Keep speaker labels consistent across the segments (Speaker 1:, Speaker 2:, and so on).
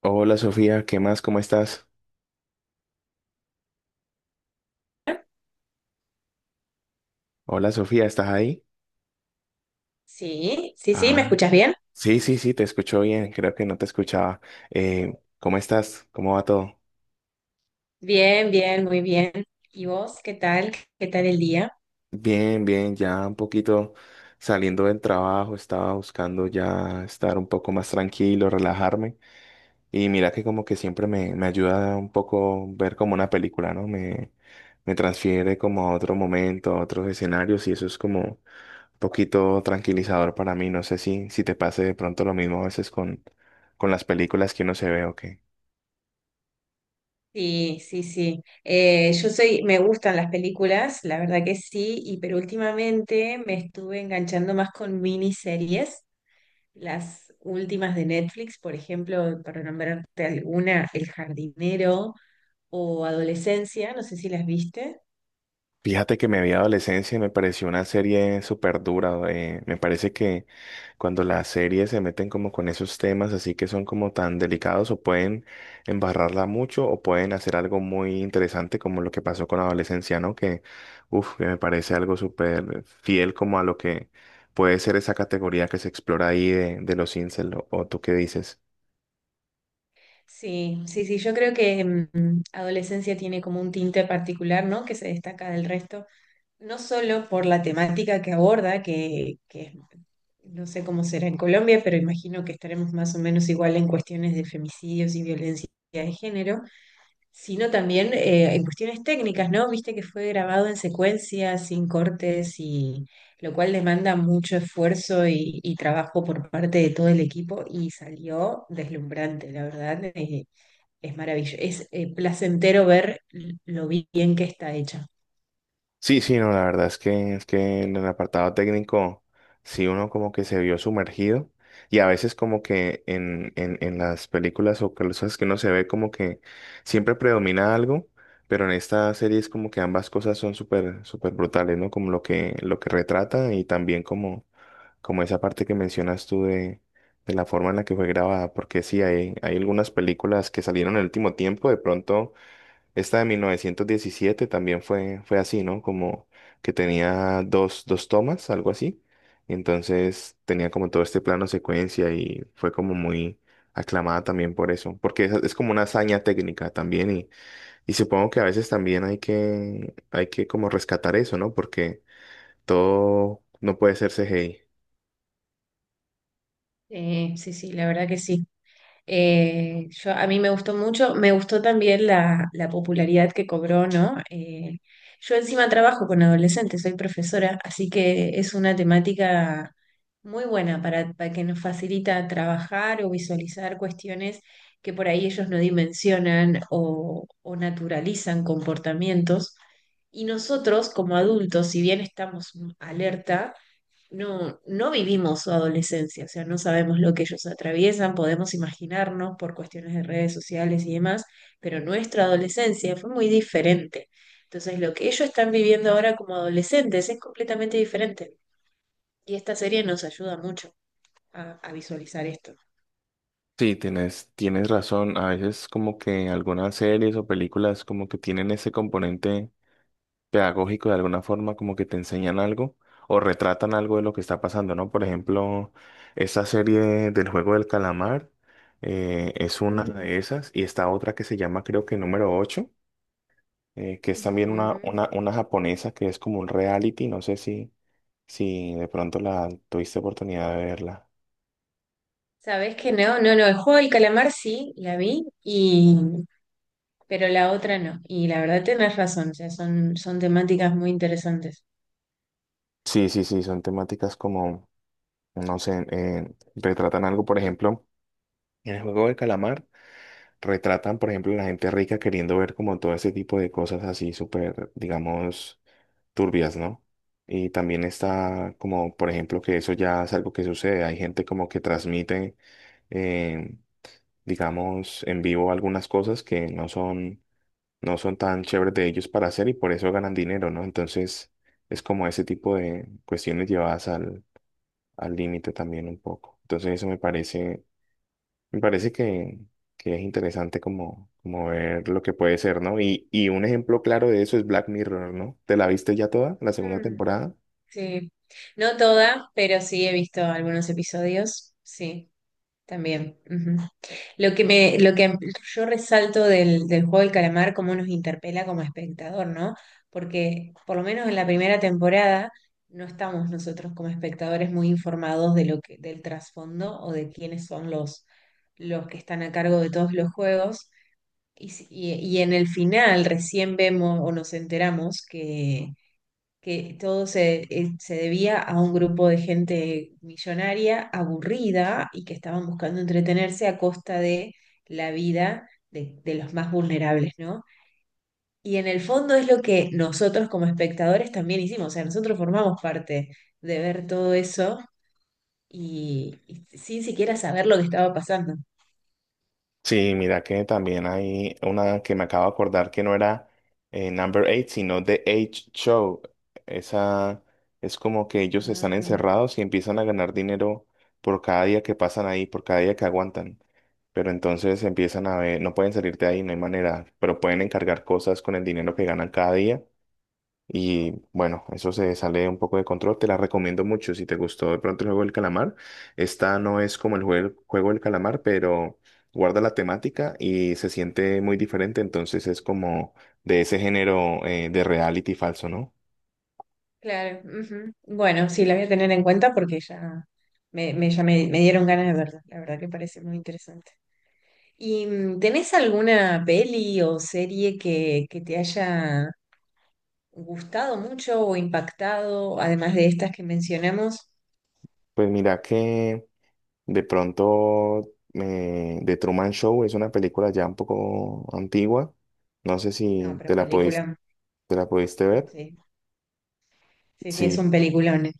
Speaker 1: Hola Sofía, ¿qué más? ¿Cómo estás? Hola Sofía, ¿estás ahí?
Speaker 2: Sí, sí, sí, ¿me
Speaker 1: Ah,
Speaker 2: escuchas bien?
Speaker 1: sí, sí, sí, te escucho bien, creo que no te escuchaba. Eh, ¿Cómo estás? ¿Cómo va todo?
Speaker 2: Bien, bien, muy bien. ¿Y vos qué tal? ¿Qué tal el día?
Speaker 1: Bien, bien, ya un poquito saliendo del trabajo, estaba buscando ya estar un poco más tranquilo, relajarme. Y mira que como que siempre me ayuda un poco ver como una película, ¿no? Me transfiere como a otro momento, a otros escenarios y eso es como poquito tranquilizador para mí. No sé si te pase de pronto lo mismo a veces con las películas que uno se ve o qué.
Speaker 2: Sí, sí, sí. Me gustan las películas, la verdad que sí, y pero últimamente me estuve enganchando más con miniseries, las últimas de Netflix, por ejemplo, para nombrarte alguna, El Jardinero o Adolescencia, no sé si las viste.
Speaker 1: Fíjate que me vi adolescencia y me pareció una serie súper dura. Me parece que cuando las series se meten como con esos temas así que son como tan delicados o pueden embarrarla mucho o pueden hacer algo muy interesante como lo que pasó con adolescencia, ¿no? Que me parece algo súper fiel como a lo que puede ser esa categoría que se explora ahí de los incel. ¿O tú qué dices?
Speaker 2: Sí, sí, sí, yo creo que Adolescencia tiene como un tinte particular, ¿no? Que se destaca del resto. No solo por la temática que aborda, que no sé cómo será en Colombia, pero imagino que estaremos más o menos igual en cuestiones de femicidios y violencia de género, sino también en cuestiones técnicas, ¿no? Viste que fue grabado en secuencia, sin cortes, y lo cual demanda mucho esfuerzo y trabajo por parte de todo el equipo y salió deslumbrante, la verdad, es maravilloso, es placentero ver lo bien que está hecha.
Speaker 1: Sí, sí, no, la verdad es que en el apartado técnico sí uno como que se vio sumergido y a veces como que en las películas o cosas que uno se ve como que siempre predomina algo, pero en esta serie es como que ambas cosas son súper súper brutales, ¿no? Como lo que retrata y también como esa parte que mencionas tú de la forma en la que fue grabada, porque sí hay algunas películas que salieron en el último tiempo, de pronto esta de 1917 también fue así, ¿no? Como que tenía dos tomas, algo así. Entonces tenía como todo este plano secuencia y fue como muy aclamada también por eso, porque es como una hazaña técnica también y supongo que a veces también hay que como rescatar eso, ¿no? Porque todo no puede ser CGI.
Speaker 2: Sí, sí, la verdad que sí. A mí me gustó mucho, me gustó también la popularidad que cobró, ¿no? Yo encima trabajo con adolescentes, soy profesora, así que es una temática muy buena para que nos facilita trabajar o visualizar cuestiones que por ahí ellos no dimensionan o naturalizan comportamientos. Y nosotros como adultos, si bien estamos alerta, no, no vivimos su adolescencia, o sea, no sabemos lo que ellos atraviesan, podemos imaginarnos por cuestiones de redes sociales y demás, pero nuestra adolescencia fue muy diferente. Entonces, lo que ellos están viviendo ahora como adolescentes es completamente diferente. Y esta serie nos ayuda mucho a visualizar esto.
Speaker 1: Sí, tienes razón. A veces como que algunas series o películas como que tienen ese componente pedagógico de alguna forma, como que te enseñan algo o retratan algo de lo que está pasando, ¿no? Por ejemplo, esa serie del juego del calamar es una
Speaker 2: Mm,
Speaker 1: de esas y está otra que se llama creo que número 8 que es también una,
Speaker 2: ujú.
Speaker 1: una, una japonesa que es como un reality, no sé si de pronto la tuviste oportunidad de verla.
Speaker 2: ¿Sabés que no? No, no, el juego del calamar sí, la vi, y, pero la otra no. Y la verdad tenés razón, o sea, son temáticas muy interesantes.
Speaker 1: Sí, sí, sí, son temáticas como, no sé, retratan algo, por ejemplo, en el juego del calamar. Retratan, por ejemplo, la gente rica queriendo ver como todo ese tipo de cosas así súper, digamos, turbias, ¿no? Y también está como, por ejemplo, que eso ya es algo que sucede. Hay gente como que transmite, eh, digamos, en vivo algunas cosas que no son tan chéveres de ellos para hacer y por eso ganan dinero, ¿no? Entonces es como ese tipo de cuestiones llevadas al límite también un poco. Entonces eso me parece que es interesante como ver lo que puede ser, ¿no? Y un ejemplo claro de eso es Black Mirror, ¿no? ¿Te la viste ya toda, la segunda temporada?
Speaker 2: Sí, no toda, pero sí he visto algunos episodios, sí, también. Ujú. Lo que yo resalto del, del juego del calamar, cómo nos interpela como espectador, ¿no? Porque por lo menos en la primera temporada no estamos nosotros como espectadores muy informados de lo que, del trasfondo o de quiénes son los que están a cargo de todos los juegos. Y, y en el final recién vemos o nos enteramos que todo se, se debía a un grupo de gente millonaria, aburrida y que estaban buscando entretenerse a costa de la vida de los más vulnerables, ¿no? Y en el fondo es lo que nosotros como espectadores también hicimos, o sea, nosotros formamos parte de ver todo eso y sin siquiera saber lo que estaba pasando.
Speaker 1: Sí, mira que también hay una que me acabo de acordar que no era Number 8, sino The 8 Show. Esa es como que ellos están
Speaker 2: Ah,
Speaker 1: encerrados y empiezan a ganar dinero por cada día que pasan ahí, por cada día que aguantan. Pero entonces empiezan a ver, no pueden salir de ahí, no hay manera, pero pueden encargar cosas con el dinero que ganan cada día. Y bueno, eso se sale un poco de control. Te la recomiendo mucho. Si te gustó de pronto el juego del calamar, esta no es como el juego, juego del calamar, pero guarda la temática y se siente muy diferente. Entonces es como de ese género de reality falso, ¿no?
Speaker 2: claro. Ujú. Bueno, sí, la voy a tener en cuenta porque ya me dieron ganas de verla. La verdad que parece muy interesante. ¿Y tenés alguna peli o serie que te haya gustado mucho o impactado, además de estas que mencionamos?
Speaker 1: Pues mira que de pronto The Truman Show es una película ya un poco antigua. No sé
Speaker 2: No,
Speaker 1: si te
Speaker 2: pero
Speaker 1: la
Speaker 2: película,
Speaker 1: pudiste, te la pudiste ver.
Speaker 2: sí, sí, sí, es
Speaker 1: Sí.
Speaker 2: un peliculón. Eh.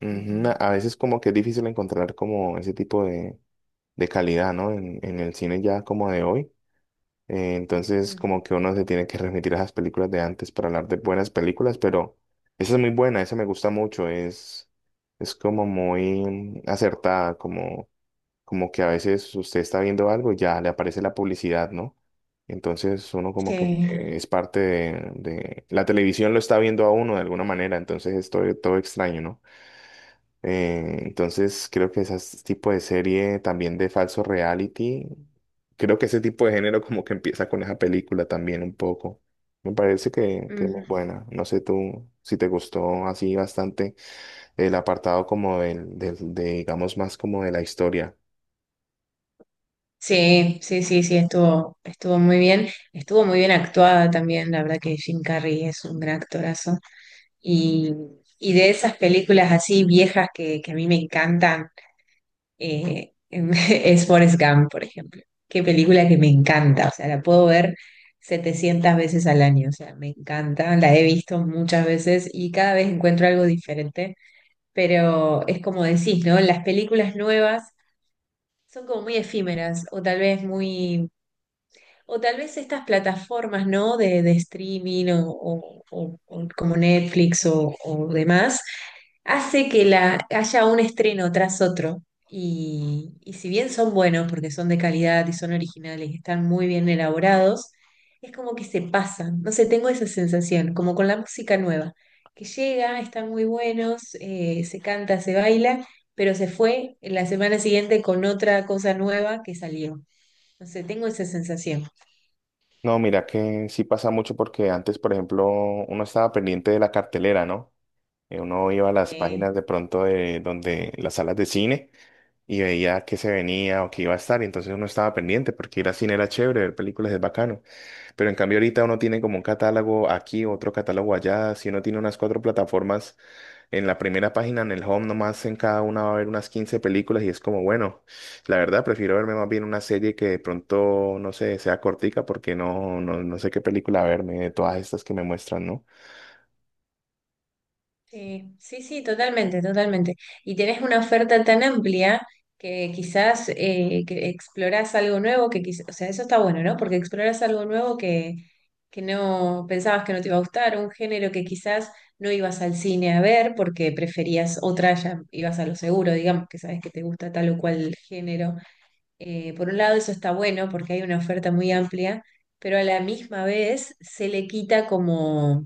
Speaker 1: Ujú. A
Speaker 2: Ujú,
Speaker 1: a veces como que es difícil encontrar como ese tipo de calidad, ¿no? En el cine ya como de hoy. Entonces
Speaker 2: ujú.
Speaker 1: como que uno se tiene que remitir a las películas de antes para hablar de buenas películas, pero esa es muy buena, esa me gusta mucho, es como muy acertada, como que a veces usted está viendo algo y ya le aparece la publicidad, ¿no? Entonces uno como que
Speaker 2: Sí,
Speaker 1: es parte de. La televisión lo está viendo a uno de alguna manera, entonces es todo, todo extraño, ¿no? Entonces creo que ese tipo de serie también de falso reality, creo que ese tipo de género como que empieza con esa película también un poco. Me parece que es muy
Speaker 2: ujú.
Speaker 1: buena. No sé tú si te gustó así bastante el apartado como de, digamos, más como de la historia.
Speaker 2: Sí, sí, sí, sí, estuvo muy bien actuada también, la verdad que Jim Carrey es un gran actorazo. Y, y de esas películas así viejas que a mí me encantan. Eh, es Forrest Gump, por ejemplo. Qué película que me encanta, o sea, la puedo ver 700 veces al año, o sea, me encanta, la he visto muchas veces y cada vez encuentro algo diferente, pero es como decís, ¿no? Las películas nuevas son como muy efímeras o tal vez muy o tal vez estas plataformas, ¿no? De streaming o como Netflix o demás, hace que la, haya un estreno tras otro. Y si bien son buenos porque son de calidad y son originales y están muy bien elaborados, es como que se pasan. No sé, tengo esa sensación, como con la música nueva, que llega, están muy buenos, se canta, se baila, pero se fue en la semana siguiente con otra cosa nueva que salió. No sé, tengo esa sensación.
Speaker 1: No, mira que sí pasa mucho porque antes, por ejemplo, uno estaba pendiente de la cartelera, ¿no? Uno iba a las
Speaker 2: Sí,
Speaker 1: páginas de pronto de donde las salas de cine. Y veía que se venía o que iba a estar, y entonces uno estaba pendiente porque ir al cine era chévere, ver películas es bacano, pero en cambio ahorita uno tiene como un catálogo aquí, otro catálogo allá, si uno tiene unas cuatro plataformas en la primera página, en el home nomás en cada una va a haber unas 15 películas y es como, bueno, la verdad prefiero verme más bien una serie que de pronto, no sé, sea cortica porque no sé qué película verme de todas estas que me muestran, ¿no?
Speaker 2: sí, sí, sí, totalmente, totalmente. Y tenés una oferta tan amplia que quizás que explorás algo nuevo que quizás, o sea, eso está bueno, ¿no? Porque explorás algo nuevo que no pensabas que no te iba a gustar, un género que quizás no ibas al cine a ver porque preferías otra, ya ibas a lo seguro, digamos, que sabes que te gusta tal o cual género. Por un lado, eso está bueno porque hay una oferta muy amplia, pero a la misma vez se le quita como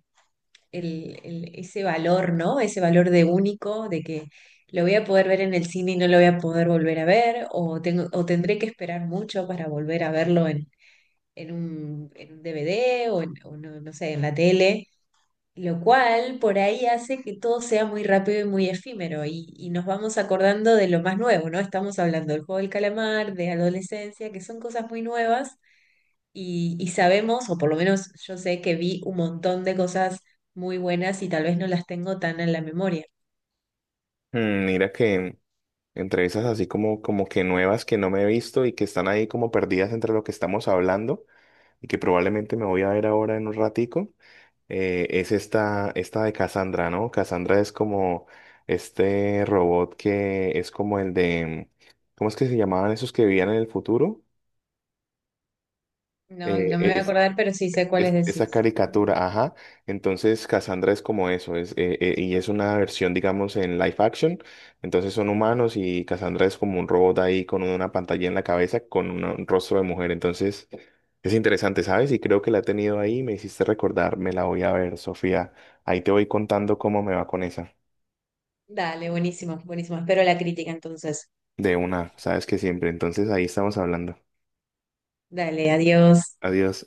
Speaker 2: ese valor, ¿no? Ese valor de único, de que lo voy a poder ver en el cine y no lo voy a poder volver a ver, o tendré que esperar mucho para volver a verlo en, en un DVD o no, no sé, en la tele, lo cual por ahí hace que todo sea muy rápido y muy efímero y nos vamos acordando de lo más nuevo, ¿no? Estamos hablando del juego del calamar, de adolescencia, que son cosas muy nuevas y sabemos, o por lo menos yo sé que vi un montón de cosas muy buenas y tal vez no las tengo tan en la memoria.
Speaker 1: Mira que entre esas así como que nuevas que no me he visto y que están ahí como perdidas entre lo que estamos hablando. Y que probablemente me voy a ver ahora en un ratico, es esta de Cassandra, ¿no? Cassandra es como este robot que es como el de, ¿cómo es que se llamaban esos que vivían en el futuro?
Speaker 2: No,
Speaker 1: Eh,
Speaker 2: no me voy a
Speaker 1: es-
Speaker 2: acordar, pero sí sé cuáles
Speaker 1: esa
Speaker 2: decís. Ujú.
Speaker 1: caricatura, ajá. Entonces, Cassandra es como eso, y es una versión, digamos, en live action. Entonces son humanos y Cassandra es como un robot ahí con una pantalla en la cabeza, con un rostro de mujer. Entonces, es interesante, ¿sabes? Y creo que la he tenido ahí, me hiciste recordar, me la voy a ver, Sofía. Ahí te voy contando cómo me va con esa.
Speaker 2: Dale, buenísimo, buenísimo. Espero la crítica entonces.
Speaker 1: De una, sabes que siempre. Entonces, ahí estamos hablando.
Speaker 2: Dale, adiós.
Speaker 1: Adiós.